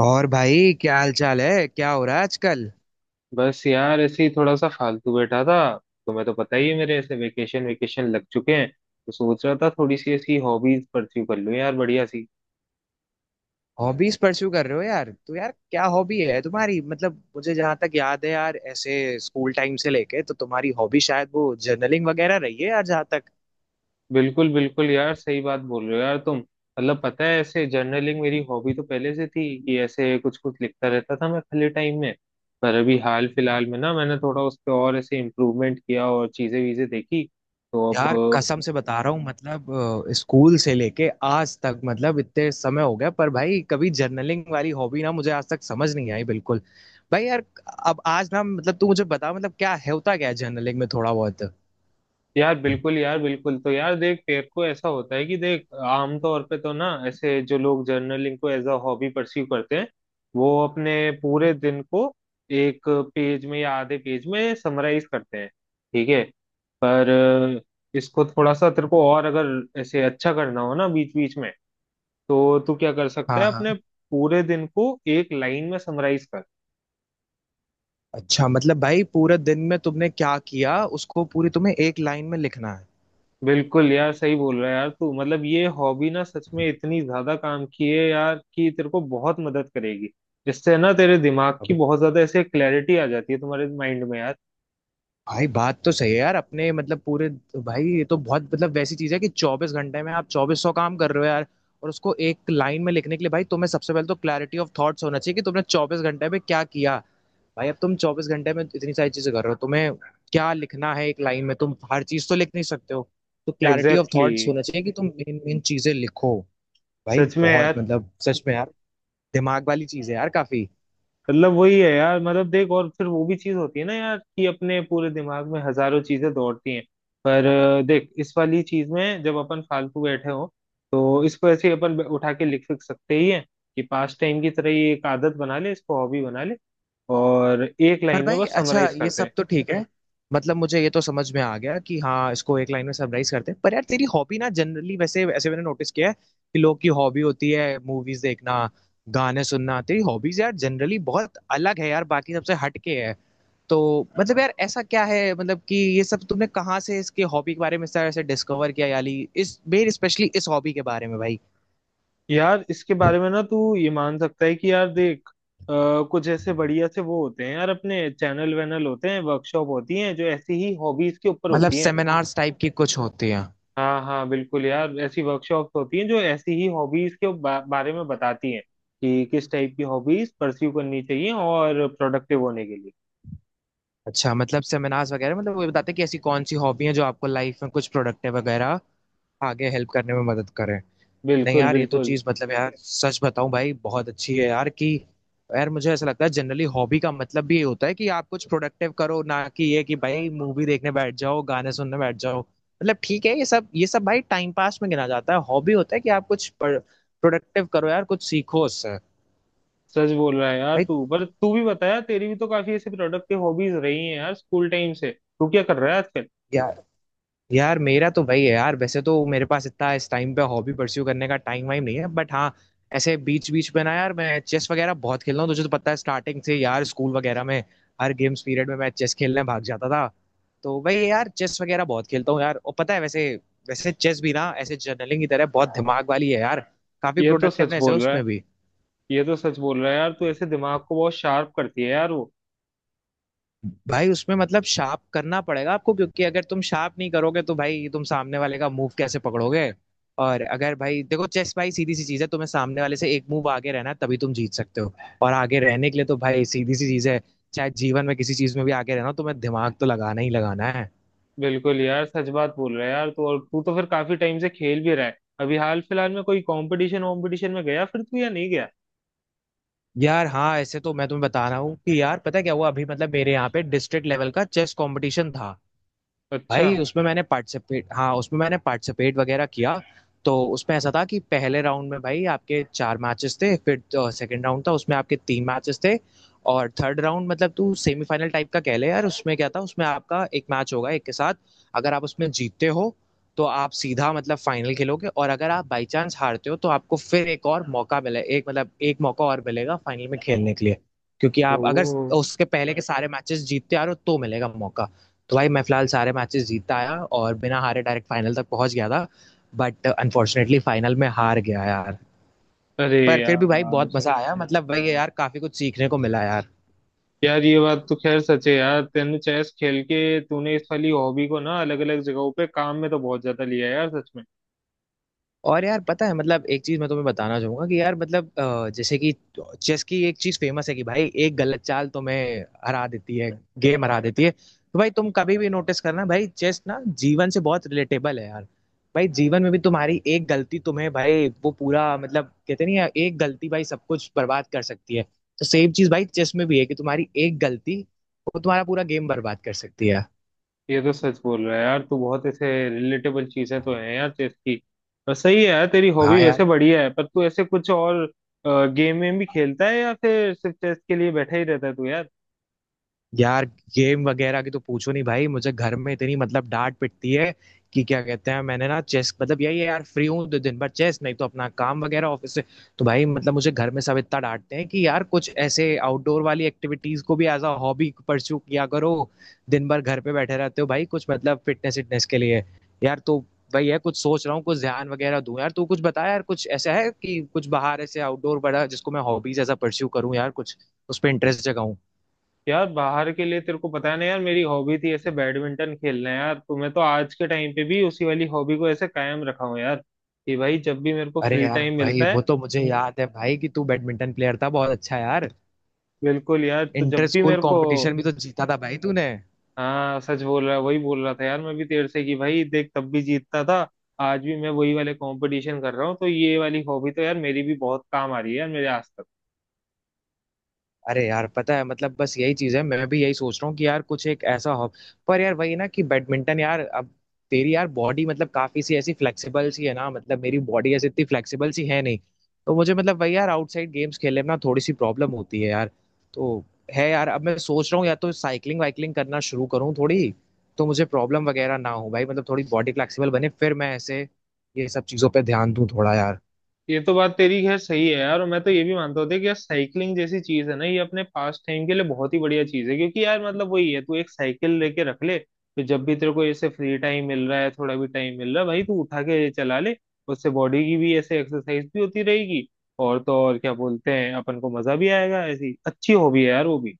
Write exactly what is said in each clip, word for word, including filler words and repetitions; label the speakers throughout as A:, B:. A: और भाई क्या हाल चाल है, क्या हो रहा है आजकल।
B: बस यार ऐसे ही थोड़ा सा फालतू बैठा था। तुम्हें तो पता ही है मेरे ऐसे वेकेशन वेकेशन लग चुके हैं। तो सोच रहा था थोड़ी सी ऐसी हॉबीज परस्यू कर लूं यार बढ़िया सी।
A: हॉबीज परस्यू कर रहे हो यार, तो यार क्या हॉबी है तुम्हारी। मतलब मुझे जहां तक याद है यार, ऐसे स्कूल टाइम से लेके तो तुम्हारी हॉबी शायद वो जर्नलिंग वगैरह रही है यार, जहां तक
B: बिल्कुल बिल्कुल यार सही बात बोल रहे हो यार तुम। मतलब पता है ऐसे जर्नलिंग मेरी हॉबी तो पहले से थी कि ऐसे कुछ कुछ लिखता रहता था मैं खाली टाइम में। पर अभी हाल फिलहाल में ना मैंने थोड़ा उस पर और ऐसे इम्प्रूवमेंट किया और चीजें वीजें देखी। तो अब
A: यार कसम से बता रहा हूँ। मतलब अ, स्कूल से लेके आज तक, मतलब इतने समय हो गया पर भाई कभी जर्नलिंग वाली हॉबी ना मुझे आज तक समझ नहीं आई बिल्कुल भाई यार। अब आज ना मतलब तू मुझे बता मतलब क्या है, होता क्या है जर्नलिंग में थोड़ा बहुत।
B: यार बिल्कुल यार बिल्कुल। तो यार देख तेरे को ऐसा होता है कि देख आमतौर पे तो ना ऐसे जो लोग जर्नलिंग को एज अ हॉबी परस्यू करते हैं वो अपने पूरे दिन को एक पेज में या आधे पेज में समराइज करते हैं। ठीक है। पर अ, इसको थोड़ा सा तेरे को और अगर ऐसे अच्छा करना हो ना बीच बीच में तो तू क्या कर सकता
A: हाँ
B: है अपने
A: हाँ।
B: पूरे दिन को एक लाइन में समराइज कर।
A: अच्छा मतलब भाई पूरे दिन में तुमने क्या किया उसको पूरी तुम्हें एक लाइन में लिखना है।
B: बिल्कुल यार सही बोल रहा है यार तू। मतलब ये हॉबी ना सच में इतनी ज्यादा काम की है यार कि तेरे को बहुत मदद करेगी। जिससे ना तेरे दिमाग की
A: अबे
B: बहुत ज्यादा ऐसे क्लैरिटी आ जाती है तुम्हारे माइंड में यार।
A: भाई बात तो सही है यार, अपने मतलब पूरे। भाई ये तो बहुत मतलब वैसी चीज है कि चौबीस घंटे में आप चौबीस सौ काम कर रहे हो यार, और उसको एक लाइन में लिखने के लिए भाई तुम्हें सबसे पहले तो क्लैरिटी ऑफ थॉट्स होना चाहिए कि तुमने चौबीस घंटे में क्या किया। भाई अब तुम चौबीस घंटे में इतनी सारी चीजें कर रहे हो, तुम्हें क्या लिखना है एक लाइन में, तुम हर चीज तो लिख नहीं सकते हो। तो clarity of
B: exactly
A: thoughts
B: exactly।
A: होना चाहिए कि तुम इन इन चीजें लिखो। भाई
B: सच में
A: बहुत
B: यार।
A: मतलब सच में यार, दिमाग वाली चीज है यार काफी।
B: मतलब वही है यार। मतलब देख और फिर वो भी चीज होती है ना यार कि अपने पूरे दिमाग में हजारों चीजें दौड़ती हैं। पर अ, देख इस वाली चीज में जब अपन फालतू बैठे हो तो इसको ऐसे ही अपन उठा के लिख लिख सकते ही हैं। कि पास्ट टाइम की तरह ये एक आदत बना ले इसको हॉबी बना ले और एक
A: पर
B: लाइन में
A: भाई
B: बस
A: अच्छा
B: समराइज
A: ये
B: करते हैं।
A: सब तो ठीक है। मतलब मुझे ये तो समझ में आ गया कि हाँ इसको एक लाइन में समराइज करते हैं, पर यार तेरी हॉबी ना जनरली वैसे ऐसे मैंने नोटिस किया है कि लोग की हॉबी होती है मूवीज देखना, गाने सुनना। तेरी हॉबीज यार जनरली बहुत अलग है यार, बाकी सबसे हट के है। तो मतलब यार ऐसा क्या है, मतलब कि ये सब तुमने कहाँ से इसके हॉबी के बारे में सर ऐसे डिस्कवर किया याली, इस मेन स्पेशली इस हॉबी के बारे में भाई।
B: यार इसके बारे में ना तू ये मान सकता है कि यार देख अ, कुछ ऐसे बढ़िया से वो होते हैं यार अपने चैनल वैनल होते हैं वर्कशॉप होती हैं जो ऐसी ही हॉबीज के ऊपर
A: मतलब
B: होती हैं।
A: सेमिनार्स टाइप की कुछ होती हैं।
B: हाँ हाँ बिल्कुल यार ऐसी वर्कशॉप होती हैं जो ऐसी ही हॉबीज के बा, बारे में बताती हैं कि किस टाइप की हॉबीज परस्यू करनी चाहिए और प्रोडक्टिव होने के लिए।
A: अच्छा मतलब सेमिनार्स वगैरह मतलब वो बताते हैं कि ऐसी कौन सी हॉबी हैं जो आपको लाइफ में कुछ प्रोडक्टिव वगैरह आगे हेल्प करने में मदद करें। नहीं
B: बिल्कुल
A: यार, ये तो
B: बिल्कुल।
A: चीज मतलब यार सच बताऊं भाई बहुत अच्छी है यार कि यार मुझे ऐसा लगता है जनरली हॉबी का मतलब भी ये होता है कि आप कुछ प्रोडक्टिव करो, ना कि ये कि भाई मूवी देखने बैठ जाओ, गाने सुनने बैठ जाओ। मतलब ठीक है ये सब, ये सब भाई टाइम पास में गिना जाता है। हॉबी होता है कि आप कुछ प्रोडक्टिव करो यार, कुछ सीखो उससे।
B: सच बोल रहा है यार
A: भाई
B: तू। पर तू भी बताया तेरी भी तो काफी ऐसी प्रोडक्टिव हॉबीज रही हैं यार स्कूल टाइम से। तू क्या कर रहा है आजकल।
A: यार मेरा तो वही है यार, वैसे तो मेरे पास इतना इस टाइम पे हॉबी परस्यू करने का टाइम वाइम नहीं है, बट हाँ ऐसे बीच बीच में ना यार मैं चेस वगैरह बहुत खेलता हूँ। तुझे तो पता है स्टार्टिंग से यार, स्कूल वगैरह में हर गेम्स पीरियड में मैं चेस खेलने भाग जाता था। तो वही है यार, चेस वगैरह बहुत खेलता हूँ यार। और पता है वैसे वैसे चेस भी ना ऐसे जर्नलिंग की तरह बहुत दिमाग वाली है यार, काफी
B: ये तो सच
A: प्रोडक्टिवनेस है
B: बोल रहा है।
A: उसमें भी।
B: ये तो सच बोल रहा है यार तू ऐसे दिमाग को बहुत शार्प करती है यार वो।
A: भाई उसमें मतलब शार्प करना पड़ेगा आपको, क्योंकि अगर तुम शार्प नहीं करोगे तो भाई तुम सामने वाले का मूव कैसे पकड़ोगे। और अगर भाई देखो, चेस भाई सीधी सी चीज है, तुम्हें सामने वाले से एक मूव आगे रहना है, तभी तुम जीत सकते हो। और आगे रहने के लिए तो भाई सीधी सी चीज है, चाहे जीवन में किसी चीज में भी आगे रहना हो, तुम्हें दिमाग तो लगाना ही लगाना है।
B: बिल्कुल यार सच बात बोल रहा है यार तू। और तू तो फिर काफी टाइम से खेल भी रहा है। अभी हाल फिलहाल में कोई कंपटीशन वॉम्पिटिशन में गया फिर तू या नहीं गया।
A: यार हाँ, ऐसे तो मैं तुम्हें बता रहा हूँ कि यार पता है क्या हुआ, अभी मतलब मेरे यहाँ पे डिस्ट्रिक्ट लेवल का चेस कंपटीशन था।
B: अच्छा।
A: भाई उसमें मैंने पार्टिसिपेट हाँ उसमें मैंने पार्टिसिपेट वगैरह किया। तो उसमें ऐसा था कि पहले राउंड में भाई आपके चार मैचेस थे, फिर सेकंड राउंड था, उसमें आपके तीन मैचेस थे। और थर्ड राउंड मतलब तू सेमीफाइनल टाइप का कह ले यार, उसमें क्या था, उसमें आपका एक मैच होगा एक के साथ। अगर आप उसमें जीतते हो तो आप सीधा मतलब फाइनल खेलोगे, और अगर आप बाई चांस हारते हो तो आपको फिर एक और मौका मिले एक मतलब एक मौका और मिलेगा फाइनल में खेलने के लिए, क्योंकि
B: ओ।
A: आप अगर उसके पहले के सारे मैचेस जीतते आ रहे हो तो मिलेगा मौका। तो भाई मैं फिलहाल सारे मैचेस जीतता आया और बिना हारे डायरेक्ट फाइनल तक पहुंच गया था, बट अनफॉर्चुनेटली फाइनल में हार गया यार।
B: अरे
A: पर फिर भी भाई
B: यार।
A: बहुत मजा आया, मतलब भाई यार काफी कुछ सीखने को मिला यार।
B: यार ये बात तो खैर सच है यार। तेने चेस खेल के तूने इस वाली हॉबी को ना अलग अलग जगहों पे काम में तो बहुत ज्यादा लिया है यार सच में।
A: और यार पता है मतलब एक चीज मैं तुम्हें बताना चाहूंगा कि यार मतलब अ, जैसे कि चेस की एक चीज फेमस है कि भाई एक गलत चाल तुम्हें हरा देती है, गेम हरा देती है। तो भाई तुम कभी भी नोटिस करना, भाई चेस ना जीवन से बहुत रिलेटेबल है यार। भाई जीवन में भी तुम्हारी एक गलती तुम्हें भाई वो पूरा, मतलब कहते नहीं है, एक गलती भाई सब कुछ बर्बाद कर सकती है। तो सेम चीज भाई चेस में भी है कि तुम्हारी एक गलती वो तुम्हारा पूरा गेम बर्बाद कर सकती है।
B: ये तो सच बोल रहा है यार तू बहुत ऐसे रिलेटेबल चीजें तो हैं यार चेस की। और सही है यार तेरी हॉबी
A: हाँ
B: वैसे
A: यार।
B: बढ़िया है। पर तू ऐसे कुछ और गेम में भी खेलता है या फिर सिर्फ चेस के लिए बैठा ही रहता है तू यार।
A: यार गेम वगैरह की तो पूछो नहीं भाई, मुझे घर में इतनी मतलब डांट पिटती है कि क्या कहते हैं, मैंने ना चेस मतलब यही है यार, फ्री हूँ तो दिन भर चेस, नहीं तो अपना काम वगैरह ऑफिस से। तो भाई मतलब मुझे घर में सब इतना डांटते हैं कि यार कुछ ऐसे आउटडोर वाली एक्टिविटीज को भी एज अ हॉबी परस्यू किया करो, दिन भर घर पे बैठे रहते हो भाई, कुछ मतलब फिटनेस फिटनेस के लिए यार। तो भाई है कुछ सोच रहा हूँ, कुछ ध्यान वगैरह दूं यार। तू कुछ बता यार, कुछ ऐसा है कि कुछ बाहर ऐसे आउटडोर बड़ा जिसको मैं हॉबीज ऐसा परस्यू करूँ यार, कुछ उस पर इंटरेस्ट जगाऊं।
B: यार बाहर के लिए तेरे को पता नहीं यार मेरी हॉबी थी ऐसे बैडमिंटन खेलना यार। तो मैं तो आज के टाइम पे भी उसी वाली हॉबी को ऐसे कायम रखा हूँ यार कि भाई जब भी मेरे को
A: अरे
B: फ्री
A: यार
B: टाइम
A: भाई
B: मिलता है।
A: वो तो मुझे याद है भाई कि तू बैडमिंटन प्लेयर था बहुत अच्छा यार।
B: बिल्कुल यार तो
A: इंटर
B: जब भी
A: स्कूल
B: मेरे को।
A: कंपटीशन भी तो जीता था भाई तूने।
B: हाँ सच बोल रहा। वही बोल रहा था यार मैं भी तेर से कि भाई देख तब भी जीतता था आज भी मैं वही वाले कंपटीशन कर रहा हूँ। तो ये वाली हॉबी तो यार मेरी भी बहुत काम आ रही है यार मेरे आज तक।
A: अरे यार पता है मतलब बस यही चीज है, मैं भी यही सोच रहा हूँ कि यार कुछ एक ऐसा हो। पर यार वही ना कि बैडमिंटन यार अब, तेरी यार बॉडी मतलब काफी सी ऐसी फ्लेक्सिबल सी है ना, मतलब मेरी बॉडी ऐसी इतनी फ्लेक्सिबल सी है नहीं। तो मुझे मतलब वही यार आउटसाइड गेम्स खेलने में ना थोड़ी सी प्रॉब्लम होती है यार। तो है यार अब मैं सोच रहा हूँ या तो साइकिलिंग वाइकलिंग करना शुरू करूँ थोड़ी, तो मुझे प्रॉब्लम वगैरह ना हो भाई, मतलब थोड़ी बॉडी फ्लेक्सिबल बने, फिर मैं ऐसे ये सब चीजों पर ध्यान दूं थोड़ा यार।
B: ये तो बात तेरी खैर सही है यार। और मैं तो ये भी मानता होता कि यार साइकिलिंग जैसी चीज है ना ये अपने पास टाइम के लिए बहुत ही बढ़िया चीज है। क्योंकि यार मतलब वही है तू एक साइकिल लेके रख ले तो जब भी तेरे को ऐसे फ्री टाइम मिल रहा है थोड़ा भी टाइम मिल रहा है भाई तू उठा के चला ले। उससे बॉडी की भी ऐसे एक्सरसाइज भी होती रहेगी। और तो और क्या बोलते हैं अपन को मजा भी आएगा। ऐसी अच्छी हॉबी है यार वो भी।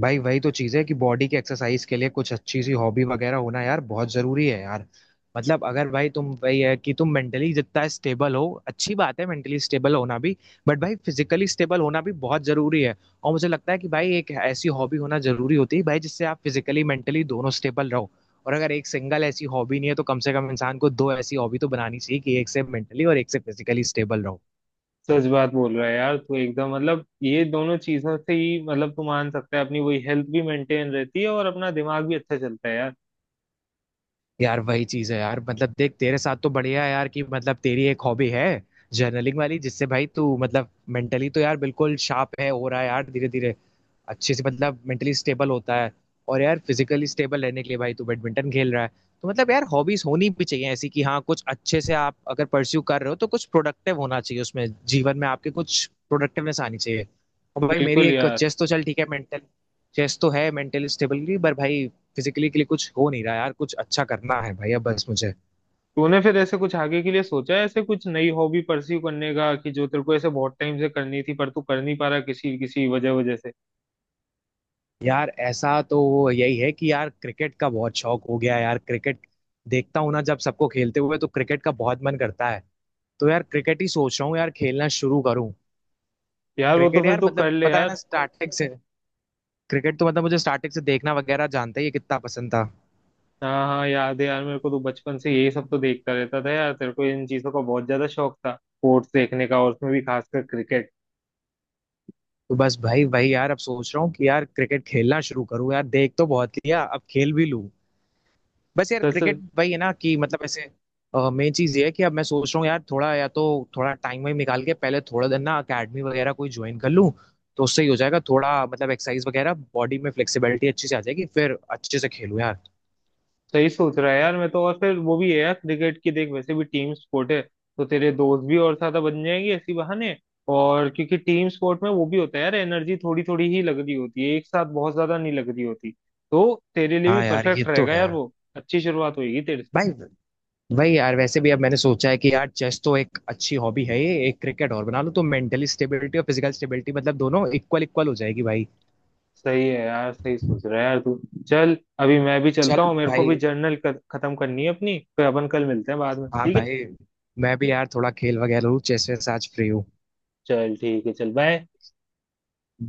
A: भाई वही तो चीज है कि बॉडी की एक्सरसाइज के लिए कुछ अच्छी सी हॉबी वगैरह होना यार बहुत जरूरी है यार। मतलब अगर भाई तुम वही है कि तुम मेंटली जितना स्टेबल हो अच्छी बात है, मेंटली स्टेबल होना भी, बट भाई फिजिकली स्टेबल होना भी बहुत जरूरी है। और मुझे लगता है कि भाई एक ऐसी हॉबी होना जरूरी होती है भाई जिससे आप फिजिकली मेंटली दोनों स्टेबल रहो। और अगर एक सिंगल ऐसी हॉबी नहीं है तो कम से कम इंसान को दो ऐसी हॉबी तो बनानी चाहिए कि एक से मेंटली और एक से फिजिकली स्टेबल रहो।
B: सच बात बोल रहा है यार तू एकदम। मतलब ये दोनों चीजों से ही मतलब तू मान सकता है अपनी वही हेल्थ भी मेंटेन रहती है और अपना दिमाग भी अच्छा चलता है यार।
A: यार वही चीज है यार, मतलब देख तेरे साथ तो बढ़िया है यार कि मतलब तेरी एक हॉबी है जर्नलिंग वाली, जिससे भाई तू मतलब मेंटली तो यार बिल्कुल शार्प है, हो रहा है यार धीरे धीरे अच्छे से, मतलब मेंटली स्टेबल होता है। और यार फिजिकली स्टेबल रहने के लिए भाई तू बैडमिंटन खेल रहा है। तो मतलब यार हॉबीज होनी भी चाहिए ऐसी कि हाँ कुछ अच्छे से आप अगर परस्यू कर रहे हो तो कुछ प्रोडक्टिव होना चाहिए उसमें, जीवन में आपके कुछ प्रोडक्टिवनेस आनी चाहिए। और भाई मेरी
B: बिल्कुल
A: एक
B: यार।
A: चेस तो चल ठीक है मेंटल, चेस तो है मेंटली स्टेबिलिटी, पर भाई फिजिकली के लिए कुछ हो नहीं रहा यार, कुछ अच्छा करना है भाई अब बस मुझे।
B: तूने फिर ऐसे कुछ आगे के लिए सोचा है ऐसे कुछ नई हॉबी परस्यू करने का कि जो तेरे को ऐसे बहुत टाइम से करनी थी पर तू कर नहीं पा रहा किसी किसी वजह वजह से।
A: यार ऐसा तो वो यही है कि यार क्रिकेट का बहुत शौक हो गया है यार, क्रिकेट देखता हूँ ना जब सबको खेलते हुए, तो क्रिकेट का बहुत मन करता है। तो यार क्रिकेट ही सोच रहा हूँ यार खेलना शुरू करूँ।
B: यार वो तो
A: क्रिकेट
B: फिर
A: यार
B: तू कर
A: मतलब
B: ले
A: पता है ना
B: यार।
A: स्टार्टिंग से, क्रिकेट तो मतलब मुझे स्टार्टिंग से देखना वगैरह जानते ही है कितना पसंद था।
B: हाँ हाँ याद है यार मेरे को तो बचपन से यही सब तो देखता रहता था यार। तेरे को इन चीजों का बहुत ज्यादा शौक था स्पोर्ट्स देखने का और उसमें भी खासकर क्रिकेट।
A: तो बस भाई भाई यार अब सोच रहा हूँ कि यार क्रिकेट खेलना शुरू करूँ यार, देख तो बहुत लिया अब खेल भी लूँ। बस यार
B: सच।
A: क्रिकेट वही है ना कि मतलब ऐसे मेन चीज ये है कि अब मैं सोच रहा हूँ यार थोड़ा, या तो थोड़ा टाइम वाइम निकाल के पहले थोड़ा दिन ना अकेडमी वगैरह कोई ज्वाइन कर लूँ, तो उससे ही हो जाएगा थोड़ा मतलब एक्सरसाइज वगैरह, बॉडी में फ्लेक्सिबिलिटी अच्छी से आ जाएगी, फिर अच्छे से खेलूँ यार।
B: सही सोच रहा है यार मैं तो। और फिर वो भी है यार क्रिकेट की देख वैसे भी टीम स्पोर्ट है तो तेरे दोस्त भी और ज्यादा बन जाएंगे इसी बहाने। और क्योंकि टीम स्पोर्ट में वो भी होता है यार एनर्जी थोड़ी थोड़ी ही लग रही होती है एक साथ बहुत ज्यादा नहीं लग रही होती। तो तेरे लिए भी
A: हाँ यार ये
B: परफेक्ट
A: तो
B: रहेगा
A: है
B: यार वो अच्छी शुरुआत होगी तेरे से।
A: भाई। भाई यार वैसे भी अब मैंने सोचा है कि यार चेस तो एक अच्छी हॉबी है, ये एक क्रिकेट और बना लो तो मेंटली स्टेबिलिटी और फिजिकल स्टेबिलिटी मतलब दोनों इक्वल इक्वल हो जाएगी भाई।
B: सही है यार सही सोच रहा है यार तू। चल अभी मैं भी चलता
A: चल
B: हूँ मेरे को भी
A: भाई,
B: जर्नल खत्म करनी है अपनी फिर अपन कल मिलते हैं बाद में
A: हाँ
B: ठीक है।
A: भाई, मैं भी यार थोड़ा खेल वगैरह लूँ, चेस वेस आज फ्री हूँ।
B: चल ठीक है चल बाय।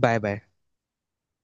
A: Bye bye.